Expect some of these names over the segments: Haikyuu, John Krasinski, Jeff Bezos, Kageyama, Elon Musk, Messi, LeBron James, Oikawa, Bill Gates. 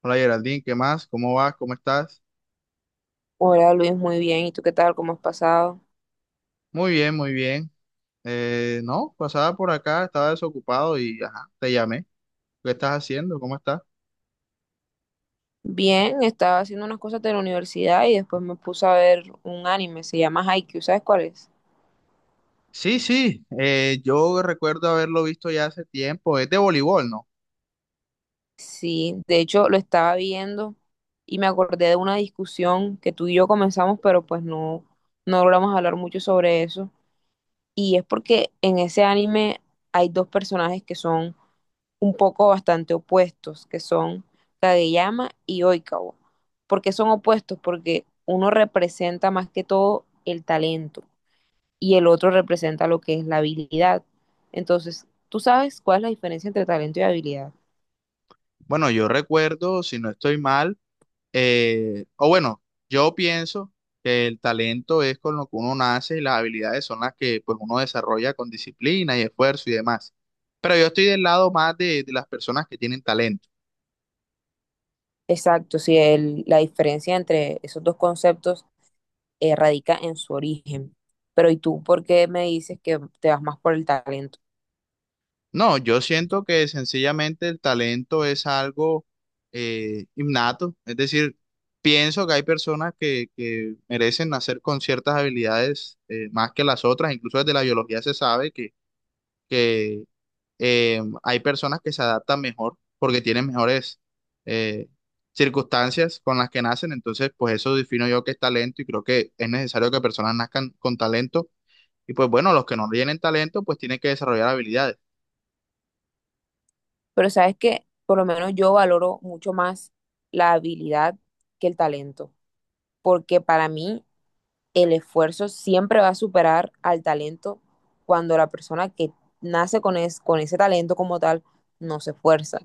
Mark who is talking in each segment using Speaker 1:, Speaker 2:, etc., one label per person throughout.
Speaker 1: Hola Geraldine, ¿qué más? ¿Cómo vas? ¿Cómo estás?
Speaker 2: Hola Luis, muy bien. ¿Y tú qué tal? ¿Cómo has pasado?
Speaker 1: Muy bien, muy bien. No, pasaba por acá, estaba desocupado y ajá, te llamé. ¿Qué estás haciendo? ¿Cómo estás?
Speaker 2: Bien, estaba haciendo unas cosas de la universidad y después me puse a ver un anime, se llama Haikyuu, ¿sabes cuál es?
Speaker 1: Sí, sí, yo recuerdo haberlo visto ya hace tiempo. Es de voleibol, ¿no?
Speaker 2: Sí, de hecho lo estaba viendo y me acordé de una discusión que tú y yo comenzamos, pero pues no, no logramos hablar mucho sobre eso. Y es porque en ese anime hay dos personajes que son un poco bastante opuestos, que son Kageyama y Oikawa. ¿Por qué son opuestos? Porque uno representa más que todo el talento y el otro representa lo que es la habilidad. Entonces, ¿tú sabes cuál es la diferencia entre talento y habilidad?
Speaker 1: Bueno, yo recuerdo, si no estoy mal, o bueno, yo pienso que el talento es con lo que uno nace y las habilidades son las que pues uno desarrolla con disciplina y esfuerzo y demás. Pero yo estoy del lado más de las personas que tienen talento.
Speaker 2: Exacto, sí, la diferencia entre esos dos conceptos radica en su origen. Pero ¿y tú por qué me dices que te vas más por el talento?
Speaker 1: No, yo siento que sencillamente el talento es algo innato, es decir, pienso que hay personas que merecen nacer con ciertas habilidades más que las otras, incluso desde la biología se sabe que hay personas que se adaptan mejor porque tienen mejores eh, circunstancias con las que nacen, entonces pues eso defino yo que es talento y creo que es necesario que personas nazcan con talento y pues bueno, los que no tienen talento pues tienen que desarrollar habilidades.
Speaker 2: Pero sabes que por lo menos yo valoro mucho más la habilidad que el talento, porque para mí el esfuerzo siempre va a superar al talento cuando la persona que nace con, con ese talento como tal no se esfuerza.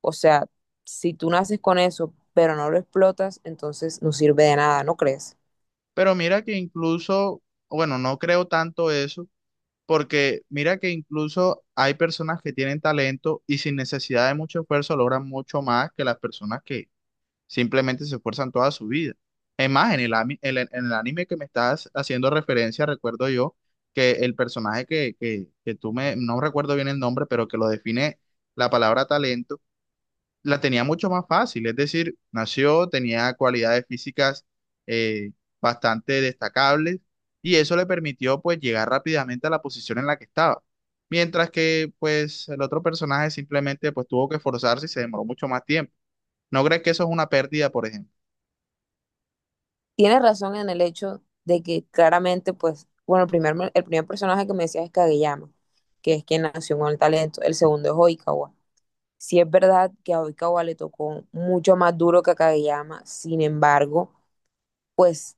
Speaker 2: O sea, si tú naces con eso, pero no lo explotas, entonces no sirve de nada, ¿no crees?
Speaker 1: Pero mira que incluso, bueno, no creo tanto eso, porque mira que incluso hay personas que tienen talento y sin necesidad de mucho esfuerzo logran mucho más que las personas que simplemente se esfuerzan toda su vida. Es más, en el, ami- en el anime que me estás haciendo referencia, recuerdo yo que el personaje que tú me, no recuerdo bien el nombre, pero que lo define la palabra talento la tenía mucho más fácil, es decir, nació, tenía cualidades físicas eh, bastante destacables y eso le permitió pues llegar rápidamente a la posición en la que estaba. Mientras que pues el otro personaje simplemente pues tuvo que esforzarse y se demoró mucho más tiempo. ¿No crees que eso es una pérdida, por ejemplo?
Speaker 2: Tienes razón en el hecho de que claramente, pues, bueno, el primer personaje que me decías es Kageyama, que es quien nació con el talento, el segundo es Oikawa. Sí es verdad que a Oikawa le tocó mucho más duro que a Kageyama, sin embargo, pues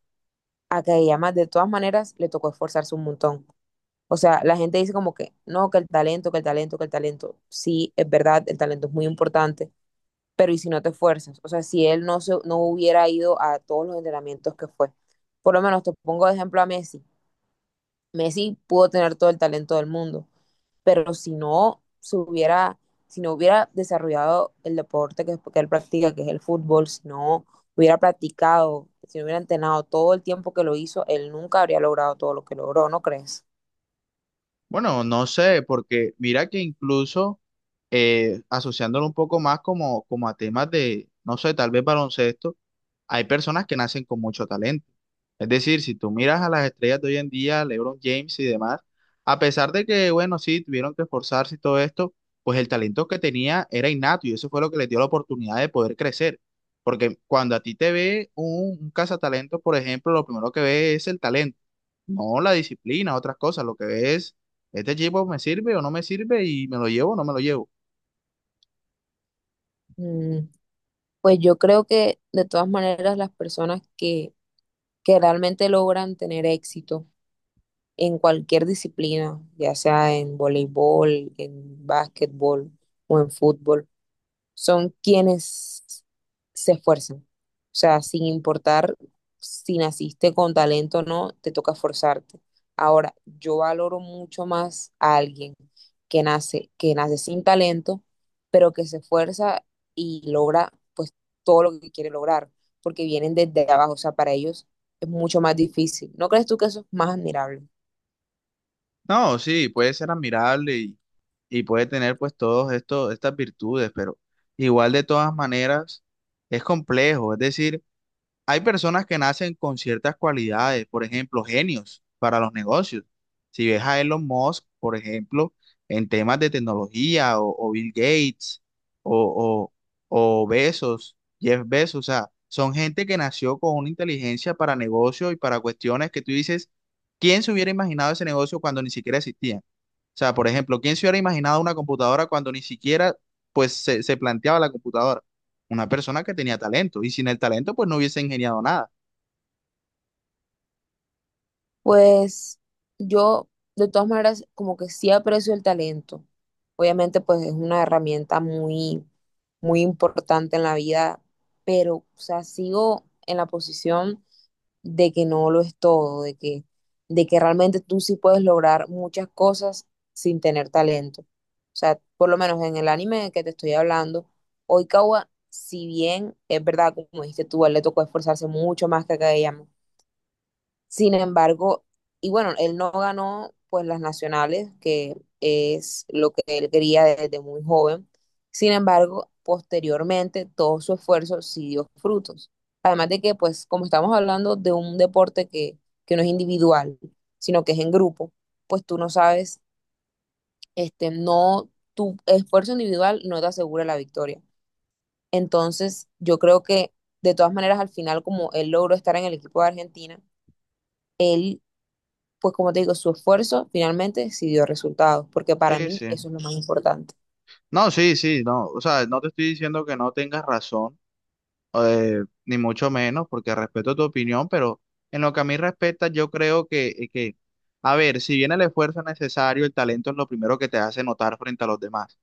Speaker 2: a Kageyama de todas maneras le tocó esforzarse un montón. O sea, la gente dice como que no, que el talento. Sí, es verdad, el talento es muy importante, pero ¿y si no te esfuerzas? O sea, si él no, se, no hubiera ido a todos los entrenamientos que fue. Por lo menos te pongo de ejemplo a Messi. Messi pudo tener todo el talento del mundo, pero si no hubiera desarrollado el deporte que él practica, que es el fútbol, si no hubiera practicado, si no hubiera entrenado todo el tiempo que lo hizo, él nunca habría logrado todo lo que logró, ¿no crees?
Speaker 1: Bueno, no sé, porque mira que incluso asociándolo un poco más como a temas de, no sé, tal vez baloncesto, hay personas que nacen con mucho talento. Es decir, si tú miras a las estrellas de hoy en día, LeBron James y demás, a pesar de que, bueno, sí, tuvieron que esforzarse y todo esto, pues el talento que tenía era innato y eso fue lo que les dio la oportunidad de poder crecer. Porque cuando a ti te ve un cazatalento, por ejemplo, lo primero que ve es el talento, no la disciplina, otras cosas. Lo que ve es, este equipo me sirve o no me sirve y me lo llevo o no me lo llevo.
Speaker 2: Mm. Pues yo creo que de todas maneras que realmente logran tener éxito en cualquier disciplina, ya sea en voleibol, en básquetbol o en fútbol, son quienes se esfuerzan. O sea, sin importar si naciste con talento o no, te toca esforzarte. Ahora, yo valoro mucho más a alguien que nace sin talento, pero que se esfuerza y logra pues todo lo que quiere lograr, porque vienen desde abajo. O sea, para ellos es mucho más difícil. ¿No crees tú que eso es más admirable?
Speaker 1: No, sí, puede ser admirable y puede tener pues todos estos, estas virtudes, pero igual de todas maneras es complejo. Es decir, hay personas que nacen con ciertas cualidades, por ejemplo, genios para los negocios. Si ves a Elon Musk, por ejemplo, en temas de tecnología, o Bill Gates, o, o Bezos, Jeff Bezos, o sea, son gente que nació con una inteligencia para negocios y para cuestiones que tú dices, ¿quién se hubiera imaginado ese negocio cuando ni siquiera existía? O sea, por ejemplo, ¿quién se hubiera imaginado una computadora cuando ni siquiera pues se planteaba la computadora? Una persona que tenía talento y sin el talento pues no hubiese ingeniado nada.
Speaker 2: Pues yo, de todas maneras, como que sí aprecio el talento. Obviamente, pues es una herramienta muy importante en la vida, pero, o sea, sigo en la posición de que no lo es todo, de que realmente tú sí puedes lograr muchas cosas sin tener talento. O sea, por lo menos en el anime del que te estoy hablando, Oikawa, si bien es verdad, como dijiste tú, a él le tocó esforzarse mucho más que a Kageyama. Sin embargo, y bueno, él no ganó pues las nacionales, que es lo que él quería desde muy joven. Sin embargo, posteriormente todo su esfuerzo sí dio frutos. Además de que, pues, como estamos hablando de un deporte que no es individual, sino que es en grupo, pues tú no sabes, este, no, tu esfuerzo individual no te asegura la victoria. Entonces, yo creo que de todas maneras, al final, como él logró estar en el equipo de Argentina, él pues como te digo, su esfuerzo finalmente sí dio resultados, porque para
Speaker 1: Sí,
Speaker 2: mí
Speaker 1: sí.
Speaker 2: eso es lo más importante.
Speaker 1: No, sí, sí, no. O sea, no te estoy diciendo que no tengas razón, ni mucho menos, porque respeto tu opinión, pero en lo que a mí respecta, yo creo que a ver, si bien el esfuerzo es necesario, el talento es lo primero que te hace notar frente a los demás.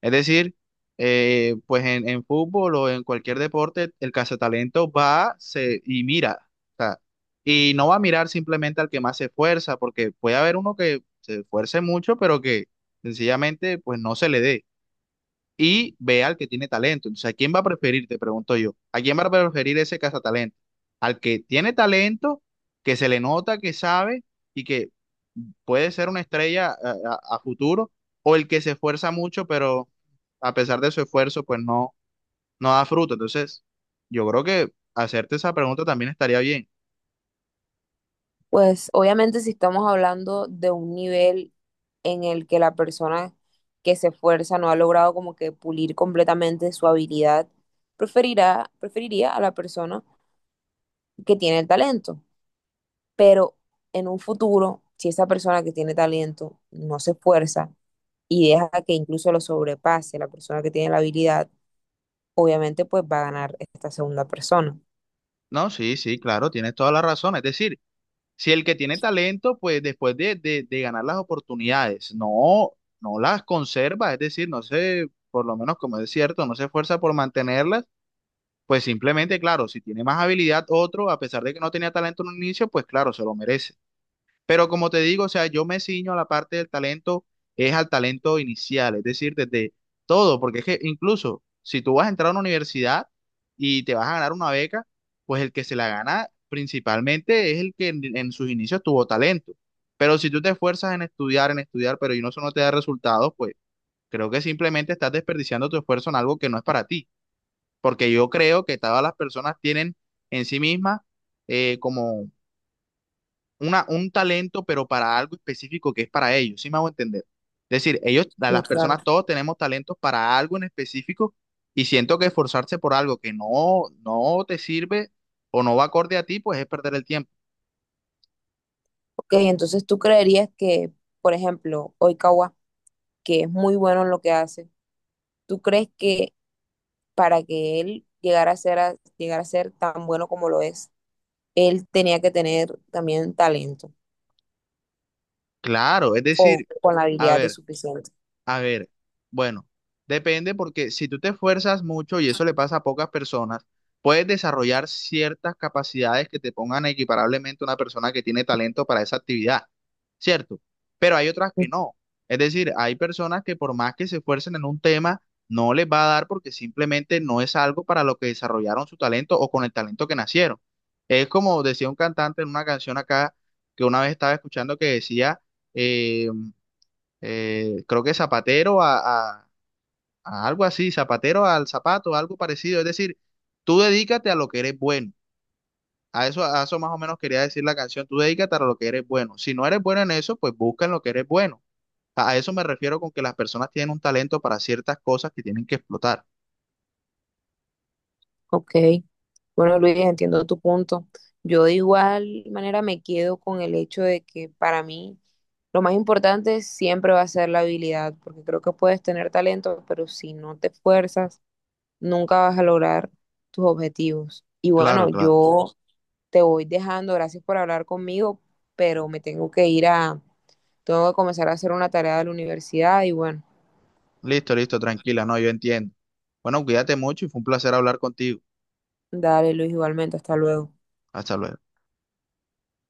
Speaker 1: Es decir, pues en fútbol o en cualquier deporte, el cazatalento va se, y mira. O sea, y no va a mirar simplemente al que más se esfuerza, porque puede haber uno que se esfuerce mucho, pero que sencillamente pues no se le dé y ve al que tiene talento. Entonces, ¿a quién va a preferir? Te pregunto yo. ¿A quién va a preferir ese cazatalento? Al que tiene talento, que se le nota, que sabe y que puede ser una estrella a futuro, o el que se esfuerza mucho, pero a pesar de su esfuerzo, pues no da fruto. Entonces, yo creo que hacerte esa pregunta también estaría bien.
Speaker 2: Pues obviamente si estamos hablando de un nivel en el que la persona que se esfuerza no ha logrado como que pulir completamente su habilidad, preferiría a la persona que tiene el talento. Pero en un futuro, si esa persona que tiene talento no se esfuerza y deja que incluso lo sobrepase la persona que tiene la habilidad, obviamente pues va a ganar esta segunda persona.
Speaker 1: No, sí, sí, claro, tienes toda la razón. Es decir, si el que tiene talento, pues después de ganar las oportunidades, no las conserva, es decir, no sé, por lo menos como es cierto, no se esfuerza por mantenerlas. Pues simplemente, claro, si tiene más habilidad otro, a pesar de que no tenía talento en un inicio, pues claro, se lo merece. Pero como te digo, o sea, yo me ciño a la parte del talento, es al talento inicial, es decir, desde todo, porque es que incluso si tú vas a entrar a una universidad y te vas a ganar una beca, pues el que se la gana principalmente es el que en sus inicios tuvo talento. Pero si tú te esfuerzas en estudiar, pero y no, eso no te da resultados, pues creo que simplemente estás desperdiciando tu esfuerzo en algo que no es para ti porque yo creo que todas las personas tienen en sí mismas como un talento, pero para algo específico que es para ellos, ¿sí me hago entender? Es decir,
Speaker 2: Muy
Speaker 1: las
Speaker 2: claro.
Speaker 1: personas todos tenemos talentos para algo en específico y siento que esforzarse por algo que no, no te sirve o no va acorde a ti, pues es perder el tiempo.
Speaker 2: Ok, entonces tú creerías que, por ejemplo, Oikawa, que es muy bueno en lo que hace, ¿tú crees que para que él llegara a ser, llegara a ser tan bueno como lo es, él tenía que tener también talento
Speaker 1: Claro, es
Speaker 2: o
Speaker 1: decir,
Speaker 2: con la
Speaker 1: a
Speaker 2: habilidad de
Speaker 1: ver.
Speaker 2: suficiente?
Speaker 1: A ver, bueno, depende porque si tú te esfuerzas mucho, y eso le pasa a pocas personas, puedes desarrollar ciertas capacidades que te pongan equiparablemente a una persona que tiene talento para esa actividad, ¿cierto? Pero hay otras
Speaker 2: Mm.
Speaker 1: que no. Es decir, hay personas que por más que se esfuercen en un tema, no les va a dar porque simplemente no es algo para lo que desarrollaron su talento o con el talento que nacieron. Es como decía un cantante en una canción acá que una vez estaba escuchando que decía... eh, creo que zapatero a algo así, zapatero al zapato, algo parecido. Es decir, tú dedícate a lo que eres bueno. A eso más o menos quería decir la canción, tú dedícate a lo que eres bueno. Si no eres bueno en eso, pues busca en lo que eres bueno. A eso me refiero con que las personas tienen un talento para ciertas cosas que tienen que explotar.
Speaker 2: Ok, bueno Luis, entiendo tu punto. Yo de igual manera me quedo con el hecho de que para mí lo más importante siempre va a ser la habilidad, porque creo que puedes tener talento, pero si no te esfuerzas, nunca vas a lograr tus objetivos. Y bueno,
Speaker 1: Claro, claro.
Speaker 2: yo te voy dejando, gracias por hablar conmigo, pero me tengo que ir a, tengo que comenzar a hacer una tarea de la universidad y bueno,
Speaker 1: Listo, listo, tranquila, no, yo entiendo. Bueno, cuídate mucho y fue un placer hablar contigo.
Speaker 2: dale Luis igualmente, hasta luego.
Speaker 1: Hasta luego.